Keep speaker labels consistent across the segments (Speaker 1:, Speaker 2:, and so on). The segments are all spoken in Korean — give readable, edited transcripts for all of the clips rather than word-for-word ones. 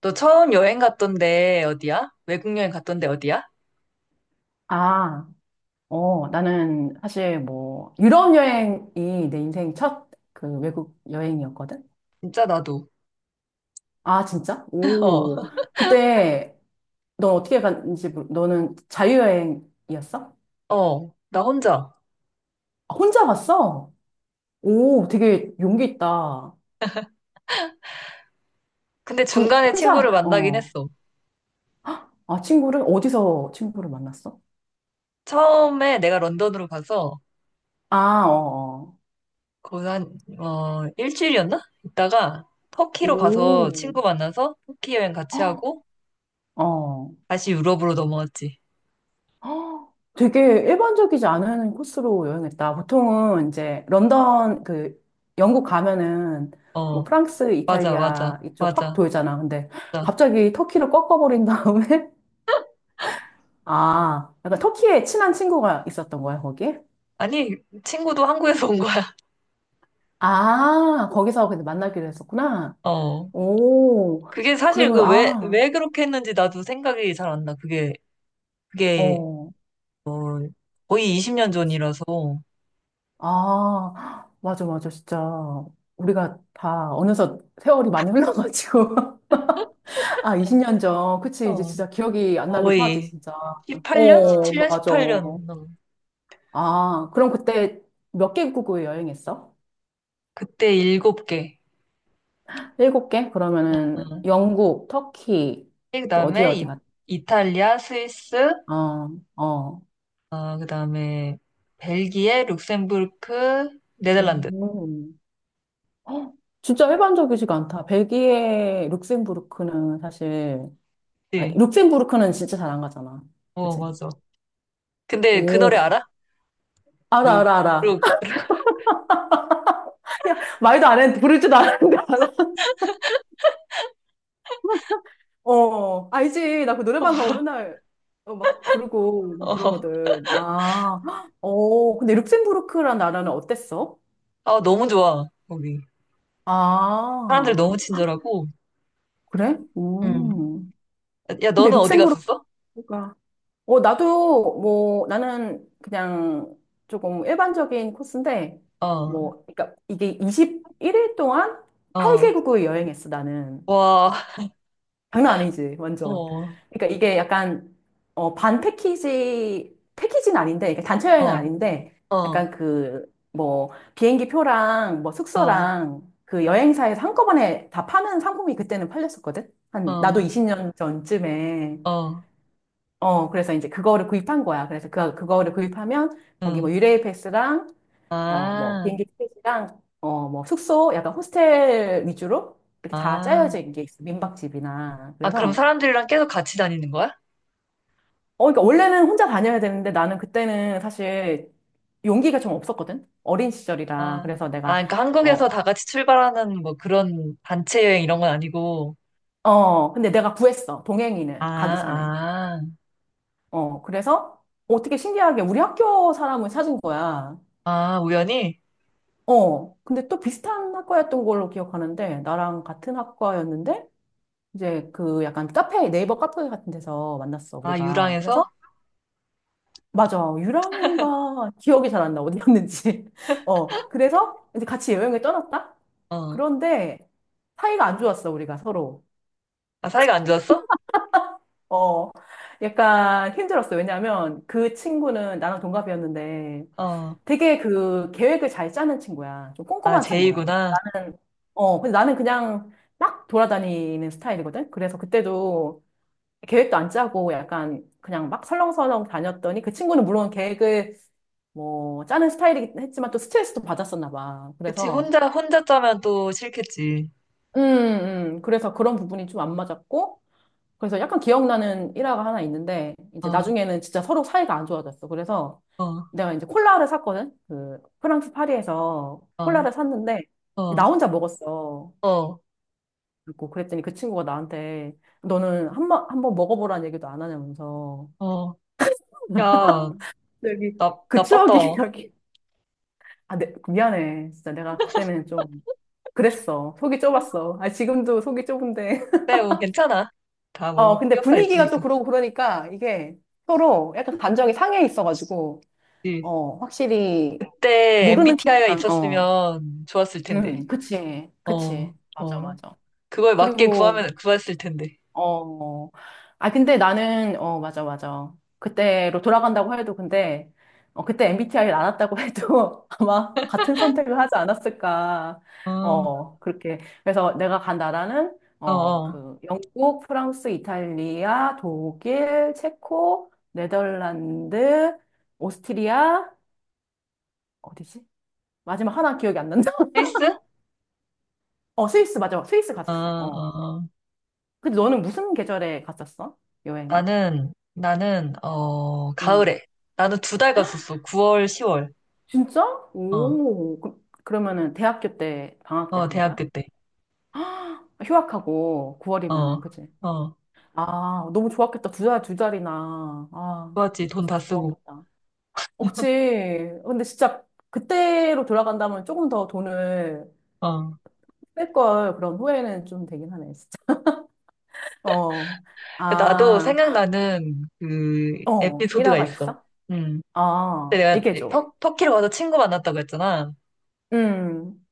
Speaker 1: 너 처음 여행 갔던데 어디야? 외국 여행 갔던데 어디야?
Speaker 2: 아, 어, 나는 사실 뭐, 유럽 여행이 내 인생 첫 그 외국 여행이었거든?
Speaker 1: 진짜 나도.
Speaker 2: 아, 진짜? 오, 그때 넌 어떻게 갔는지, 너는 자유여행이었어?
Speaker 1: 어, 어, 나 혼자.
Speaker 2: 아, 혼자 갔어? 오, 되게 용기 있다.
Speaker 1: 근데
Speaker 2: 그,
Speaker 1: 중간에 친구를
Speaker 2: 혼자?
Speaker 1: 만나긴
Speaker 2: 어.
Speaker 1: 했어.
Speaker 2: 아, 친구를? 어디서 친구를 만났어?
Speaker 1: 처음에 내가 런던으로 가서
Speaker 2: 아, 어,
Speaker 1: 거기서 한, 일주일이었나? 있다가
Speaker 2: 어.
Speaker 1: 터키로 가서
Speaker 2: 오.
Speaker 1: 친구 만나서 터키 여행 같이 하고
Speaker 2: 어.
Speaker 1: 다시 유럽으로 넘어왔지.
Speaker 2: 헉, 되게 일반적이지 않은 코스로 여행했다. 보통은 이제 런던, 그, 영국 가면은 뭐
Speaker 1: 어,
Speaker 2: 프랑스,
Speaker 1: 맞아, 맞아,
Speaker 2: 이탈리아 이쪽 확
Speaker 1: 맞아,
Speaker 2: 돌잖아. 근데
Speaker 1: 맞아.
Speaker 2: 갑자기 터키를 꺾어버린 다음에, 아, 약간 터키에 친한 친구가 있었던 거야, 거기?
Speaker 1: 아니, 친구도 한국에서 온 거야.
Speaker 2: 아, 거기서 근데 만나기로 했었구나.
Speaker 1: 어.
Speaker 2: 오,
Speaker 1: 그게 사실
Speaker 2: 그러면,
Speaker 1: 그
Speaker 2: 아,
Speaker 1: 왜 그렇게 했는지 나도 생각이 잘 안 나. 그게
Speaker 2: 어,
Speaker 1: 거의 20년 전이라서
Speaker 2: 아, 맞아, 맞아, 진짜. 우리가 다 어느덧 세월이 많이 흘러가지고. 아, 20년 전. 그치, 이제
Speaker 1: 어,
Speaker 2: 진짜 기억이 안 나기도 하지,
Speaker 1: 거의
Speaker 2: 진짜.
Speaker 1: 18년?
Speaker 2: 어,
Speaker 1: 17년?
Speaker 2: 맞아.
Speaker 1: 18년.
Speaker 2: 아, 그럼 그때 몇 개국을 여행했어?
Speaker 1: 그때 7개.
Speaker 2: 일곱 개? 그러면은
Speaker 1: 음.
Speaker 2: 영국, 터키, 또 어디
Speaker 1: 그다음에
Speaker 2: 어디 갔
Speaker 1: 이탈리아, 스위스,
Speaker 2: 어, 어.
Speaker 1: 그다음에 벨기에, 룩셈부르크,
Speaker 2: 오.
Speaker 1: 네덜란드.
Speaker 2: 헉, 진짜 일반적이지가 않다. 벨기에, 룩셈부르크는 사실, 아니,
Speaker 1: 네.
Speaker 2: 룩셈부르크는 진짜 잘 안 가잖아.
Speaker 1: 어,
Speaker 2: 그치?
Speaker 1: 맞아. 근데 그
Speaker 2: 오,
Speaker 1: 노래 알아?
Speaker 2: 알아,
Speaker 1: 룩,
Speaker 2: 알아, 알아.
Speaker 1: 룩.
Speaker 2: 말도 안 했는데, 부를 줄도 알았는데, 알아. 어, 알지. 나 그 노래방 가고 맨날 어, 막 부르고 막
Speaker 1: 어.
Speaker 2: 그러거든. 아, 헉, 어, 근데 룩셈부르크란 나라는 어땠어?
Speaker 1: 아, 너무 좋아. 거기. 사람들
Speaker 2: 아,
Speaker 1: 너무 친절하고.
Speaker 2: 그래?
Speaker 1: 음.
Speaker 2: 음.
Speaker 1: 야,
Speaker 2: 근데
Speaker 1: 너는 어디
Speaker 2: 룩셈부르크가,
Speaker 1: 갔었어?
Speaker 2: 어, 나도 뭐, 나는 그냥 조금 일반적인 코스인데,
Speaker 1: 어,
Speaker 2: 뭐, 그러니까 이게 21일 동안
Speaker 1: 어,
Speaker 2: 8개국을 여행했어, 나는.
Speaker 1: 와,
Speaker 2: 장난 아니지,
Speaker 1: 어,
Speaker 2: 완전.
Speaker 1: 어,
Speaker 2: 그러니까 이게 약간, 어, 반 패키지, 패키지는 아닌데, 그러니까 단체 여행은
Speaker 1: 어,
Speaker 2: 아닌데, 약간 그, 뭐, 비행기 표랑, 뭐,
Speaker 1: 어,
Speaker 2: 숙소랑, 그 여행사에서 한꺼번에 다 파는 상품이 그때는 팔렸었거든? 한, 나도
Speaker 1: 어.
Speaker 2: 20년 전쯤에.
Speaker 1: 어,
Speaker 2: 어, 그래서 이제 그거를 구입한 거야. 그래서 그, 그거를 구입하면, 거기
Speaker 1: 응.
Speaker 2: 뭐, 유레일 패스랑, 어, 뭐,
Speaker 1: 아,
Speaker 2: 비행기 티켓이랑, 어, 뭐, 숙소, 약간 호스텔 위주로, 이렇게 다
Speaker 1: 아.
Speaker 2: 짜여진 게 있어. 민박집이나.
Speaker 1: 아, 그럼
Speaker 2: 그래서,
Speaker 1: 사람들이랑 계속 같이 다니는 거야?
Speaker 2: 어, 그러니까 원래는 혼자 다녀야 되는데 나는 그때는 사실 용기가 좀 없었거든? 어린 시절이라.
Speaker 1: 아,
Speaker 2: 그래서
Speaker 1: 아,
Speaker 2: 내가,
Speaker 1: 그러니까 한국에서
Speaker 2: 어,
Speaker 1: 다 같이 출발하는 뭐 그런 단체 여행 이런 건 아니고.
Speaker 2: 어, 근데 내가 구했어.
Speaker 1: 아,
Speaker 2: 동행인을 가기 전에.
Speaker 1: 아,
Speaker 2: 어, 그래서 어떻게 신기하게 우리 학교 사람을 찾은 거야.
Speaker 1: 아, 우연히?
Speaker 2: 어, 근데 또 비슷한 학과였던 걸로 기억하는데 나랑 같은 학과였는데 이제 그 약간 카페, 네이버 카페 같은 데서 만났어,
Speaker 1: 아,
Speaker 2: 우리가. 그래서
Speaker 1: 유랑에서?
Speaker 2: 맞아. 유랑인가 기억이 잘 안 나. 어디였는지. 어. 그래서 이제 같이 여행을 떠났다?
Speaker 1: 어.
Speaker 2: 그런데 사이가 안 좋았어, 우리가 서로.
Speaker 1: 아, 사이가 안 좋았어?
Speaker 2: 어. 약간 힘들었어. 왜냐면 그 친구는 나랑 동갑이었는데
Speaker 1: 어.
Speaker 2: 되게 그 계획을 잘 짜는 친구야. 좀
Speaker 1: 아,
Speaker 2: 꼼꼼한 친구야.
Speaker 1: 제이구나.
Speaker 2: 나는, 어. 근데 나는 그냥 막 돌아다니는 스타일이거든? 그래서 그때도 계획도 안 짜고 약간 그냥 막 설렁설렁 다녔더니 그 친구는 물론 계획을 뭐 짜는 스타일이긴 했지만 또 스트레스도 받았었나 봐.
Speaker 1: 그치,
Speaker 2: 그래서
Speaker 1: 혼자 짜면 또 싫겠지.
Speaker 2: 음, 그래서 그런 부분이 좀 안 맞았고 그래서 약간 기억나는 일화가 하나 있는데 이제
Speaker 1: 어,
Speaker 2: 나중에는 진짜 서로 사이가 안 좋아졌어. 그래서
Speaker 1: 어,
Speaker 2: 내가 이제 콜라를 샀거든. 그 프랑스 파리에서
Speaker 1: 어,
Speaker 2: 콜라를 샀는데
Speaker 1: 어,
Speaker 2: 나 혼자 먹었어.
Speaker 1: 어,
Speaker 2: 그리고 그랬더니 그 친구가 나한테 너는 한번 한번 먹어보라는 얘기도 안 하냐면서
Speaker 1: 어. 야,
Speaker 2: 여기 그 추억이
Speaker 1: 나빴다.
Speaker 2: 여기 아, 네, 미안해. 진짜 내가 그때는 좀 그랬어. 속이 좁았어. 아, 지금도 속이 좁은데.
Speaker 1: 네, 뭐, 괜찮아. 다 뭐,
Speaker 2: 어, 근데
Speaker 1: 흑역사
Speaker 2: 분위기가 또
Speaker 1: 있으니까.
Speaker 2: 그러고 그러니까 이게 서로 약간 감정이 상해 있어가지고,
Speaker 1: 응.
Speaker 2: 어, 확실히
Speaker 1: 그때
Speaker 2: 모르는
Speaker 1: MBTI가
Speaker 2: 친구랑, 어,
Speaker 1: 있었으면 좋았을 텐데.
Speaker 2: 그치,
Speaker 1: 어,
Speaker 2: 그치. 맞아,
Speaker 1: 어.
Speaker 2: 맞아.
Speaker 1: 그걸 맞게 구하면,
Speaker 2: 그리고
Speaker 1: 구했을 텐데.
Speaker 2: 어, 아, 근데 나는, 어, 맞아, 맞아. 그때로 돌아간다고 해도, 근데, 어, 그때 MBTI를 알았다고 해도 아마 같은 선택을 하지 않았을까.
Speaker 1: 어,
Speaker 2: 어, 그렇게. 그래서 내가 간 나라는,
Speaker 1: 어,
Speaker 2: 어,
Speaker 1: 어.
Speaker 2: 그, 영국, 프랑스, 이탈리아, 독일, 체코, 네덜란드, 오스트리아, 어디지? 마지막 하나 기억이 안 난다.
Speaker 1: 필수?
Speaker 2: 어, 스위스, 맞아. 스위스
Speaker 1: 어,
Speaker 2: 갔었어. 어.
Speaker 1: 어, 어.
Speaker 2: 근데 너는 무슨 계절에 갔었어? 여행은?
Speaker 1: 나는,
Speaker 2: 음.
Speaker 1: 가을에. 나는 2달 갔었어. 9월, 10월.
Speaker 2: 진짜?
Speaker 1: 어,
Speaker 2: 오, 그, 그러면은 대학교 때, 방학 때
Speaker 1: 어,
Speaker 2: 간
Speaker 1: 대학교
Speaker 2: 거야?
Speaker 1: 때.
Speaker 2: 아, 휴학하고 9월이면은,
Speaker 1: 어,
Speaker 2: 그치?
Speaker 1: 어.
Speaker 2: 아, 너무 좋았겠다. 두 달, 두 달이나. 아,
Speaker 1: 좋았지. 돈 다
Speaker 2: 진짜
Speaker 1: 쓰고.
Speaker 2: 좋았겠다. 어, 그치. 근데 진짜 그때로 돌아간다면 조금 더 돈을
Speaker 1: 어.
Speaker 2: 뺄 걸 그런 후회는 좀 되긴 하네, 진짜. 어,
Speaker 1: 나도
Speaker 2: 아,
Speaker 1: 생각나는 그
Speaker 2: 어,
Speaker 1: 에피소드가
Speaker 2: 일화가
Speaker 1: 있어.
Speaker 2: 있어?
Speaker 1: 음.
Speaker 2: 아,
Speaker 1: 그때 내가
Speaker 2: 얘기해줘.
Speaker 1: 터키로 가서 친구 만났다고 했잖아.
Speaker 2: 음,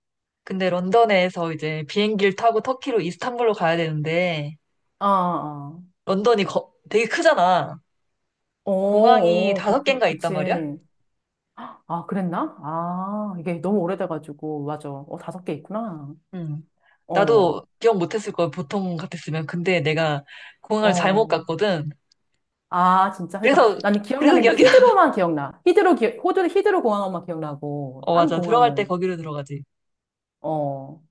Speaker 1: 근데 런던에서 이제 비행기를 타고 터키로 이스탄불로 가야 되는데,
Speaker 2: 아, 아.
Speaker 1: 런던이 되게 크잖아.
Speaker 2: 어,
Speaker 1: 공항이
Speaker 2: 어,
Speaker 1: 다섯
Speaker 2: 그렇구나.
Speaker 1: 개인가 있단
Speaker 2: 그치.
Speaker 1: 말이야?
Speaker 2: 아, 그랬나? 아, 이게 너무 오래돼가지고, 맞아. 어, 다섯 개 있구나.
Speaker 1: 응.
Speaker 2: 어,
Speaker 1: 나도 기억 못했을 거야, 보통 같았으면. 근데 내가 공항을 잘못
Speaker 2: 어.
Speaker 1: 갔거든.
Speaker 2: 아, 진짜. 그러니까
Speaker 1: 그래서,
Speaker 2: 나는
Speaker 1: 그래서
Speaker 2: 기억나는 게
Speaker 1: 기억이 나.
Speaker 2: 히드로만 기억나. 히드로, 기, 호주 히드로 공항만 기억나고,
Speaker 1: 어,
Speaker 2: 딴
Speaker 1: 맞아. 들어갈 때
Speaker 2: 공항은.
Speaker 1: 거기로 들어가지.
Speaker 2: 어.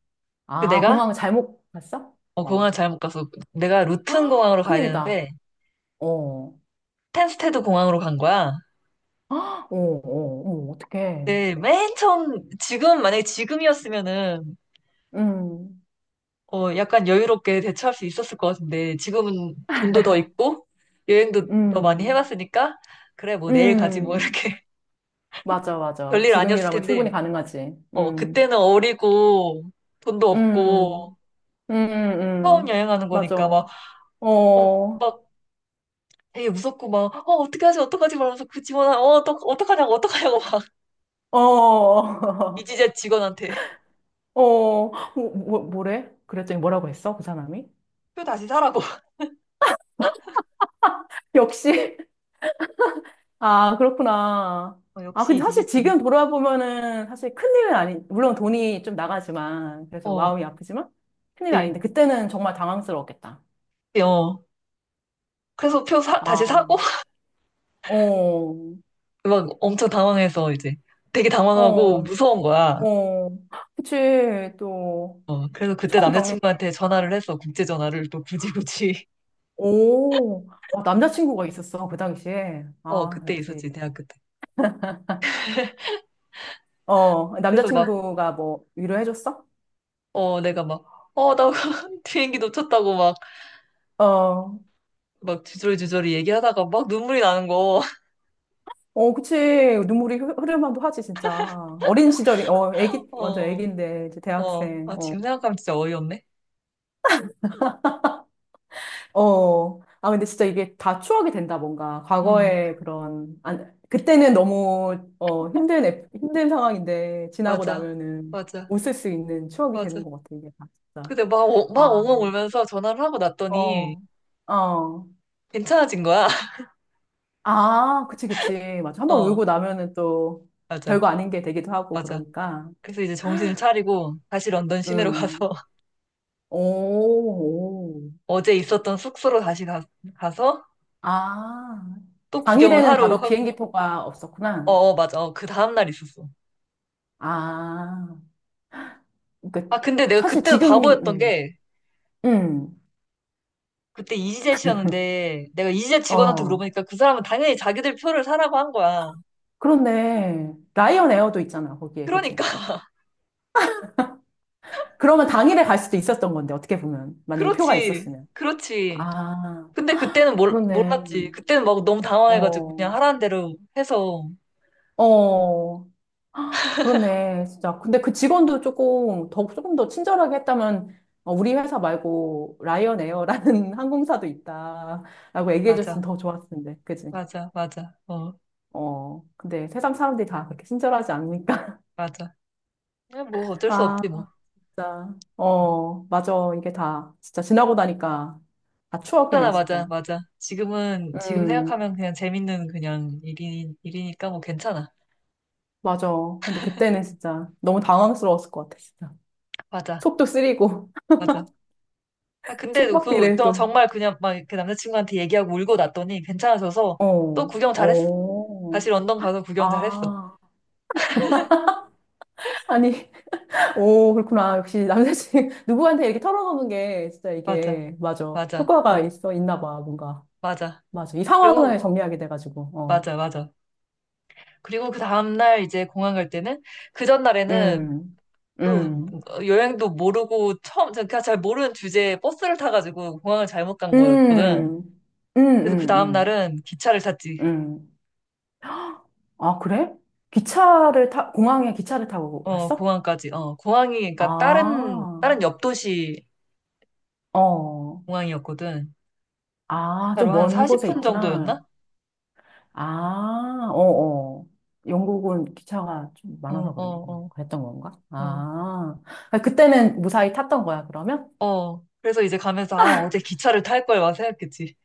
Speaker 1: 그
Speaker 2: 아,
Speaker 1: 내가,
Speaker 2: 공항을 잘못 갔어?
Speaker 1: 공항을
Speaker 2: 어.
Speaker 1: 잘못 가서, 내가 루튼
Speaker 2: 헉,
Speaker 1: 공항으로 가야
Speaker 2: 큰일이다.
Speaker 1: 되는데,
Speaker 2: 어.
Speaker 1: 텐스테드 공항으로 간 거야.
Speaker 2: 헉, 어, 어, 어, 어떡해.
Speaker 1: 네, 맨 처음, 지금, 만약에 지금이었으면은,
Speaker 2: 음,
Speaker 1: 약간 여유롭게 대처할 수 있었을 것 같은데, 지금은 돈도 더 있고, 여행도 더 많이
Speaker 2: 음,
Speaker 1: 해봤으니까, 그래, 뭐 내일 가지 뭐
Speaker 2: 음.
Speaker 1: 이렇게.
Speaker 2: 맞아, 맞아.
Speaker 1: 별일 아니었을
Speaker 2: 지금이라면 충분히
Speaker 1: 텐데,
Speaker 2: 가능하지. 음,
Speaker 1: 그때는 어리고, 돈도
Speaker 2: 음,
Speaker 1: 없고, 처음
Speaker 2: 음.
Speaker 1: 여행하는
Speaker 2: 맞아.
Speaker 1: 거니까 막, 어,
Speaker 2: 어,
Speaker 1: 막 되게 무섭고 막, 어게하지 어떡하지 말면서 그 어떡하냐고 막,
Speaker 2: 어, 어,
Speaker 1: 이지젯 직원한테
Speaker 2: 뭐, 뭐, 뭐래? 그랬더니 뭐라고 했어? 그 사람이?
Speaker 1: 표 다시 사라고.
Speaker 2: 역시, 아, 그렇구나. 아,
Speaker 1: 역시
Speaker 2: 근데 사실
Speaker 1: 이지젯 직원.
Speaker 2: 지금 돌아보면은 사실 큰일은 아니, 물론 돈이 좀 나가지만, 그래서
Speaker 1: 어,
Speaker 2: 마음이 아프지만, 큰일
Speaker 1: 네,
Speaker 2: 아닌데, 그때는 정말 당황스러웠겠다.
Speaker 1: 네, 어. 그래서 다시
Speaker 2: 아,
Speaker 1: 사고,
Speaker 2: 어,
Speaker 1: 막 엄청 당황해서 이제 되게 당황하고
Speaker 2: 어,
Speaker 1: 무서운 거야.
Speaker 2: 어. 그치, 또,
Speaker 1: 그래서 그때
Speaker 2: 처음 겪는
Speaker 1: 남자친구한테
Speaker 2: 일이니까.
Speaker 1: 전화를 해서 국제 전화를 또 굳이 굳이
Speaker 2: 오, 아, 남자친구가 있었어, 그 당시에.
Speaker 1: 어
Speaker 2: 아,
Speaker 1: 그때
Speaker 2: 역시.
Speaker 1: 있었지 대학교 때.
Speaker 2: 어,
Speaker 1: 그래서 막
Speaker 2: 남자친구가 뭐 위로해줬어?
Speaker 1: 내가 막 나 비행기 놓쳤다고 막
Speaker 2: 어,
Speaker 1: 막 주저리주저리 얘기하다가 막 눈물이 나는 거.
Speaker 2: 어, 그치. 눈물이 흐르면도 하지, 진짜. 어린 시절이, 어, 애기, 완전
Speaker 1: 어,
Speaker 2: 애기인데, 이제
Speaker 1: 어.
Speaker 2: 대학생.
Speaker 1: 아
Speaker 2: 어,
Speaker 1: 지금 생각하면 진짜 어이없네.
Speaker 2: 어. 아, 근데 진짜 이게 다 추억이 된다, 뭔가.
Speaker 1: 음
Speaker 2: 과거의 그런, 안, 그때는 너무, 어, 힘든, 힘든 상황인데, 지나고
Speaker 1: 맞아
Speaker 2: 나면은
Speaker 1: 맞아
Speaker 2: 웃을 수 있는 추억이 되는
Speaker 1: 맞아.
Speaker 2: 것 같아, 이게 다, 진짜.
Speaker 1: 근데 막,
Speaker 2: 아,
Speaker 1: 막 엉엉 울면서 전화를 하고 났더니
Speaker 2: 어, 어.
Speaker 1: 괜찮아진 거야.
Speaker 2: 아, 그치, 그치. 맞아. 한번
Speaker 1: 어
Speaker 2: 울고 나면은 또
Speaker 1: 맞아
Speaker 2: 별거 아닌 게 되기도 하고,
Speaker 1: 맞아.
Speaker 2: 그러니까.
Speaker 1: 그래서 이제 정신을 차리고 다시 런던 시내로
Speaker 2: 음.
Speaker 1: 가서
Speaker 2: 오, 오.
Speaker 1: 어제 있었던 숙소로 다시 가, 서또
Speaker 2: 아.
Speaker 1: 구경을
Speaker 2: 당일에는
Speaker 1: 하루
Speaker 2: 바로
Speaker 1: 하고
Speaker 2: 비행기표가
Speaker 1: 어,
Speaker 2: 없었구나.
Speaker 1: 어 맞아 어, 그 다음날 있었어
Speaker 2: 아. 그러니까
Speaker 1: 아 근데 내가
Speaker 2: 사실
Speaker 1: 그때도
Speaker 2: 지금,
Speaker 1: 바보였던 게
Speaker 2: 음,
Speaker 1: 그때 이지젯 씨였는데 내가 이지젯 직원한테
Speaker 2: 어.
Speaker 1: 물어보니까 그 사람은 당연히 자기들 표를 사라고 한 거야
Speaker 2: 그런데, 라이언 에어도 있잖아, 거기에, 그치?
Speaker 1: 그러니까
Speaker 2: 그러면 당일에 갈 수도 있었던 건데, 어떻게 보면. 만약에 표가
Speaker 1: 그렇지
Speaker 2: 있었으면.
Speaker 1: 그렇지
Speaker 2: 아,
Speaker 1: 근데 그때는
Speaker 2: 그렇네.
Speaker 1: 몰랐지 그때는 막 너무 당황해가지고
Speaker 2: 어,
Speaker 1: 그냥 하라는 대로 해서
Speaker 2: 어. 그렇네, 진짜. 근데 그 직원도 조금 더, 조금 더 친절하게 했다면, 어, 우리 회사 말고 라이언 에어라는 항공사도 있다라고 얘기해줬으면
Speaker 1: 맞아
Speaker 2: 더 좋았을 텐데, 그지?
Speaker 1: 맞아 맞아 어
Speaker 2: 어, 근데 세상 사람들이 다 그렇게 친절하지 않으니까.
Speaker 1: 맞아 그냥 뭐 어쩔 수
Speaker 2: 아,
Speaker 1: 없지 뭐
Speaker 2: 진짜. 어, 맞아. 이게 다, 진짜 지나고 나니까 다 추억이네,
Speaker 1: 하나 맞아,
Speaker 2: 진짜.
Speaker 1: 맞아. 지금
Speaker 2: 음,
Speaker 1: 생각하면 그냥 재밌는 그냥 일이니까 뭐 괜찮아.
Speaker 2: 맞아. 근데 그때는 진짜 너무 당황스러웠을 것 같아, 진짜.
Speaker 1: 맞아,
Speaker 2: 속도 쓰리고,
Speaker 1: 맞아. 아, 근데 그,
Speaker 2: 속박비를
Speaker 1: 저
Speaker 2: 또,
Speaker 1: 정말 그냥 막 그 남자친구한테 얘기하고 울고 났더니 괜찮아져서 또
Speaker 2: 어,
Speaker 1: 구경 잘했어.
Speaker 2: 어,
Speaker 1: 다시 런던 가서 구경 잘했어.
Speaker 2: 아. 아니, 오, 그렇구나. 역시 남자친구, 누구한테 이렇게 털어놓는 게 진짜
Speaker 1: 맞아,
Speaker 2: 이게, 맞아.
Speaker 1: 맞아,
Speaker 2: 효과가
Speaker 1: 어,
Speaker 2: 있어, 있나 봐, 뭔가.
Speaker 1: 맞아.
Speaker 2: 맞아. 이 상황을
Speaker 1: 그리고,
Speaker 2: 정리하게 돼가지고, 어.
Speaker 1: 맞아, 맞아. 그리고 그 다음날 이제 공항 갈 때는 그 전날에는
Speaker 2: 음,
Speaker 1: 또
Speaker 2: 음,
Speaker 1: 여행도 모르고 처음, 제가 잘 모르는 주제에 버스를 타가지고 공항을 잘못 간
Speaker 2: 음,
Speaker 1: 거였거든.
Speaker 2: 음,
Speaker 1: 그래서 그 다음
Speaker 2: 음,
Speaker 1: 날은 기차를 탔지.
Speaker 2: 음. 음. 아, 그래? 기차를 타, 공항에 기차를 타고
Speaker 1: 어,
Speaker 2: 갔어?
Speaker 1: 공항까지. 공항이
Speaker 2: 아,
Speaker 1: 그러니까 다른 옆 도시
Speaker 2: 어,
Speaker 1: 공항이었거든.
Speaker 2: 아, 좀
Speaker 1: 차로 한
Speaker 2: 먼 곳에
Speaker 1: 40분
Speaker 2: 있구나.
Speaker 1: 정도였나?
Speaker 2: 아, 어어. 영국은 기차가 좀
Speaker 1: 어,
Speaker 2: 많아서 그런 거,
Speaker 1: 어,
Speaker 2: 그랬던 건가?
Speaker 1: 어,
Speaker 2: 아, 아, 그때는 무사히 탔던 거야, 그러면?
Speaker 1: 어. 어. 그래서 이제 가면서 아, 어제 기차를 탈 걸 막 생각했지.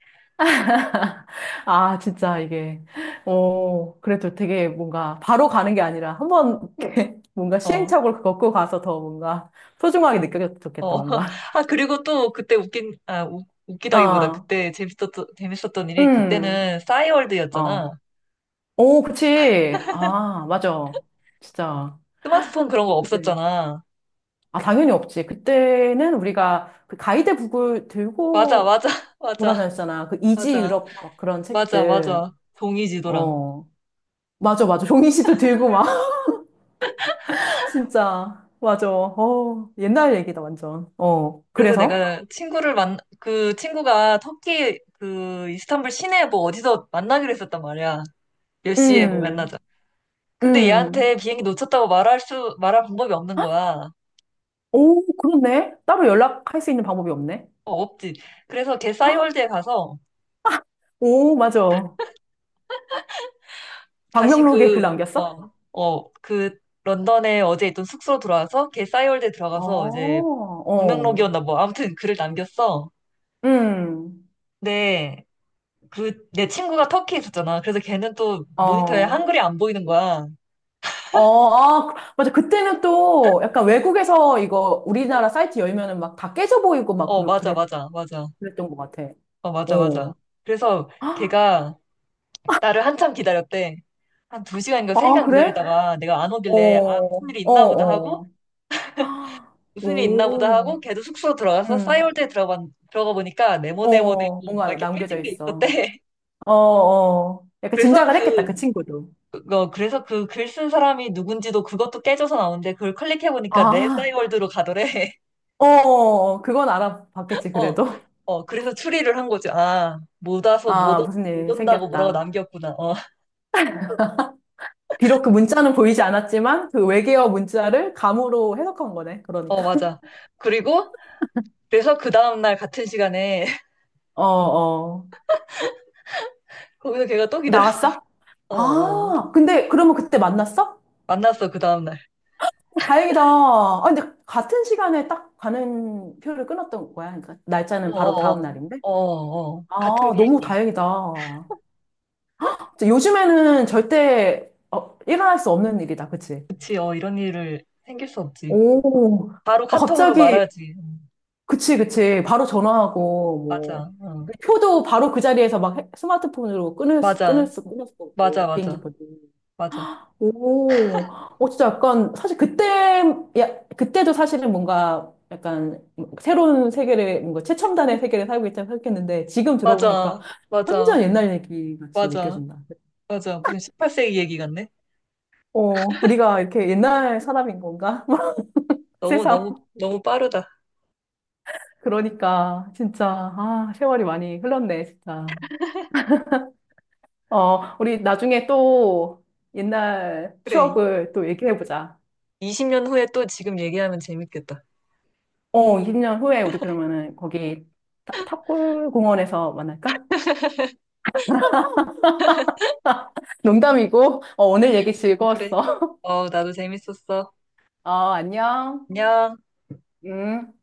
Speaker 2: 아, 진짜 이게, 어, 그래도 되게 뭔가 바로 가는 게 아니라 한번 뭔가
Speaker 1: 어.
Speaker 2: 시행착오를 겪고 가서 더 뭔가 소중하게 느껴졌겠다
Speaker 1: 어.
Speaker 2: 뭔가.
Speaker 1: 아, 그리고 또 그때 웃기다기보다
Speaker 2: 어,
Speaker 1: 그때 재밌었던 일이
Speaker 2: 음,
Speaker 1: 그때는
Speaker 2: 어.
Speaker 1: 싸이월드였잖아.
Speaker 2: 오, 그치. 아, 맞아. 진짜.
Speaker 1: 스마트폰 그런 거
Speaker 2: 그때.
Speaker 1: 없었잖아.
Speaker 2: 아, 당연히 없지. 그때는 우리가 그 가이드북을
Speaker 1: 맞아,
Speaker 2: 들고
Speaker 1: 맞아. 맞아.
Speaker 2: 돌아다녔잖아. 그 이지
Speaker 1: 맞아.
Speaker 2: 유럽 막 그런
Speaker 1: 맞아,
Speaker 2: 책들.
Speaker 1: 맞아. 종이 지도랑.
Speaker 2: 어. 맞아, 맞아. 종이 씨도 들고 막. 진짜. 맞아. 어. 옛날 얘기다, 완전. 어.
Speaker 1: 그래서
Speaker 2: 그래서?
Speaker 1: 내가 친구를 그 친구가 터키 그 이스탄불 시내 뭐 어디서 만나기로 했었단 말이야. 몇 시에 뭐 만나자.
Speaker 2: 음.
Speaker 1: 근데 얘한테
Speaker 2: 음.
Speaker 1: 비행기 놓쳤다고 말할 방법이 없는 거야.
Speaker 2: 오, 그렇네. 따로 연락할 수 있는 방법이 없네.
Speaker 1: 어, 없지. 그래서 걔 싸이월드에 가서
Speaker 2: 오, 맞아.
Speaker 1: 다시
Speaker 2: 방명록에 글
Speaker 1: 그,
Speaker 2: 남겼어?
Speaker 1: 어, 어, 그 런던에 어제 있던 숙소로 돌아와서 걔 싸이월드에
Speaker 2: 어,
Speaker 1: 들어가서 이제
Speaker 2: 어.
Speaker 1: 방명록이었나 뭐 아무튼 글을 남겼어.
Speaker 2: 음.
Speaker 1: 근데 그 내 친구가 터키에 있었잖아. 그래서 걔는 또 모니터에
Speaker 2: 어.
Speaker 1: 한글이 안 보이는 거야.
Speaker 2: 어, 아, 그, 맞아. 그때는 또 약간 외국에서 이거 우리나라 사이트 열면은 막 다 깨져 보이고 막
Speaker 1: 어, 맞아, 맞아, 맞아.
Speaker 2: 그랬던 것 같아.
Speaker 1: 어, 맞아, 맞아.
Speaker 2: 어.
Speaker 1: 그래서 걔가 나를 한참 기다렸대. 한 두 시간인가 세
Speaker 2: 아,
Speaker 1: 시간
Speaker 2: 그래?
Speaker 1: 기다리다가 내가 안
Speaker 2: 어,
Speaker 1: 오길래, 아, 무슨
Speaker 2: 어,
Speaker 1: 일이 있나 보다 하고,
Speaker 2: 어. 아,
Speaker 1: 무슨 일이 있나 보다 하고,
Speaker 2: 오,
Speaker 1: 걔도 숙소 들어가서
Speaker 2: 음,
Speaker 1: 싸이월드에 들어가, 들어가 보니까 네모네모네모
Speaker 2: 어,
Speaker 1: 막
Speaker 2: 뭔가
Speaker 1: 이렇게
Speaker 2: 남겨져
Speaker 1: 깨진 게
Speaker 2: 있어.
Speaker 1: 있었대.
Speaker 2: 어, 어. 약간
Speaker 1: 그래서
Speaker 2: 짐작을 했겠다, 그 친구도.
Speaker 1: 그래서 그 글 쓴 사람이 누군지도 그것도 깨져서 나오는데 그걸 클릭해 보니까 내
Speaker 2: 아,
Speaker 1: 싸이월드로 가더래.
Speaker 2: 어, 어, 어. 그건 알아봤겠지,
Speaker 1: 어,
Speaker 2: 그래도.
Speaker 1: 어, 그래서 추리를 한 거지. 아, 못 와서
Speaker 2: 아, 무슨
Speaker 1: 못
Speaker 2: 일
Speaker 1: 온다고 뭐라고
Speaker 2: 생겼다.
Speaker 1: 남겼구나. 어,
Speaker 2: 비록 그 문자는 보이지 않았지만, 그 외계어 문자를 감으로 해석한 거네,
Speaker 1: 어,
Speaker 2: 그러니까.
Speaker 1: 맞아. 그리고 그래서 그 다음날 같은 시간에
Speaker 2: 어, 어.
Speaker 1: 거기서 걔가 또 기다렸어.
Speaker 2: 나왔어?
Speaker 1: 어, 어.
Speaker 2: 아, 근데 그러면 그때 만났어?
Speaker 1: 만났어, 그 다음날.
Speaker 2: 다행이다. 아, 근데 같은 시간에 딱 가는 표를 끊었던 거야. 그러니까
Speaker 1: 어,
Speaker 2: 날짜는 바로 다음
Speaker 1: 어,
Speaker 2: 날인데.
Speaker 1: 어. 어, 어. 같은
Speaker 2: 아, 너무
Speaker 1: 비행기.
Speaker 2: 다행이다. 진짜 요즘에는 절대 어, 일어날 수 없는 일이다. 그치?
Speaker 1: 그치, 이런 일을 생길 수 없지.
Speaker 2: 오,
Speaker 1: 바로
Speaker 2: 아,
Speaker 1: 카톡으로
Speaker 2: 갑자기,
Speaker 1: 말하지.
Speaker 2: 그치, 그치. 바로 전화하고, 뭐.
Speaker 1: 맞아, 어.
Speaker 2: 그 표도 바로 그 자리에서 막 스마트폰으로
Speaker 1: 맞아,
Speaker 2: 끊을 수
Speaker 1: 맞아,
Speaker 2: 없고, 비행기
Speaker 1: 맞아,
Speaker 2: 표도.
Speaker 1: 맞아,
Speaker 2: 오, 어, 진짜 약간, 사실 그때, 야, 그때도 사실은 뭔가 약간 새로운 세계를, 뭔가 최첨단의 세계를 살고 있다고 생각했는데, 지금 들어보니까
Speaker 1: 맞아, 맞아,
Speaker 2: 완전 옛날 얘기 같이
Speaker 1: 맞아,
Speaker 2: 느껴진다.
Speaker 1: 맞아. 무슨 18세기 얘기 같네?
Speaker 2: 어, 우리가 이렇게 옛날 사람인 건가?
Speaker 1: 너무,
Speaker 2: 세상.
Speaker 1: 너무, 너무 빠르다.
Speaker 2: 그러니까, 진짜, 아, 세월이 많이 흘렀네, 진짜. 어, 우리 나중에 또 옛날
Speaker 1: 그래.
Speaker 2: 추억을 또 얘기해보자.
Speaker 1: 20년 후에 또 지금 얘기하면 재밌겠다.
Speaker 2: 어, 20년 후에 우리 그러면은 거기 탑골 공원에서 만날까? 농담이고, 어, 오늘 얘기
Speaker 1: 그래.
Speaker 2: 즐거웠어.
Speaker 1: 어, 나도 재밌었어.
Speaker 2: 어, 안녕.
Speaker 1: 안녕.
Speaker 2: 음.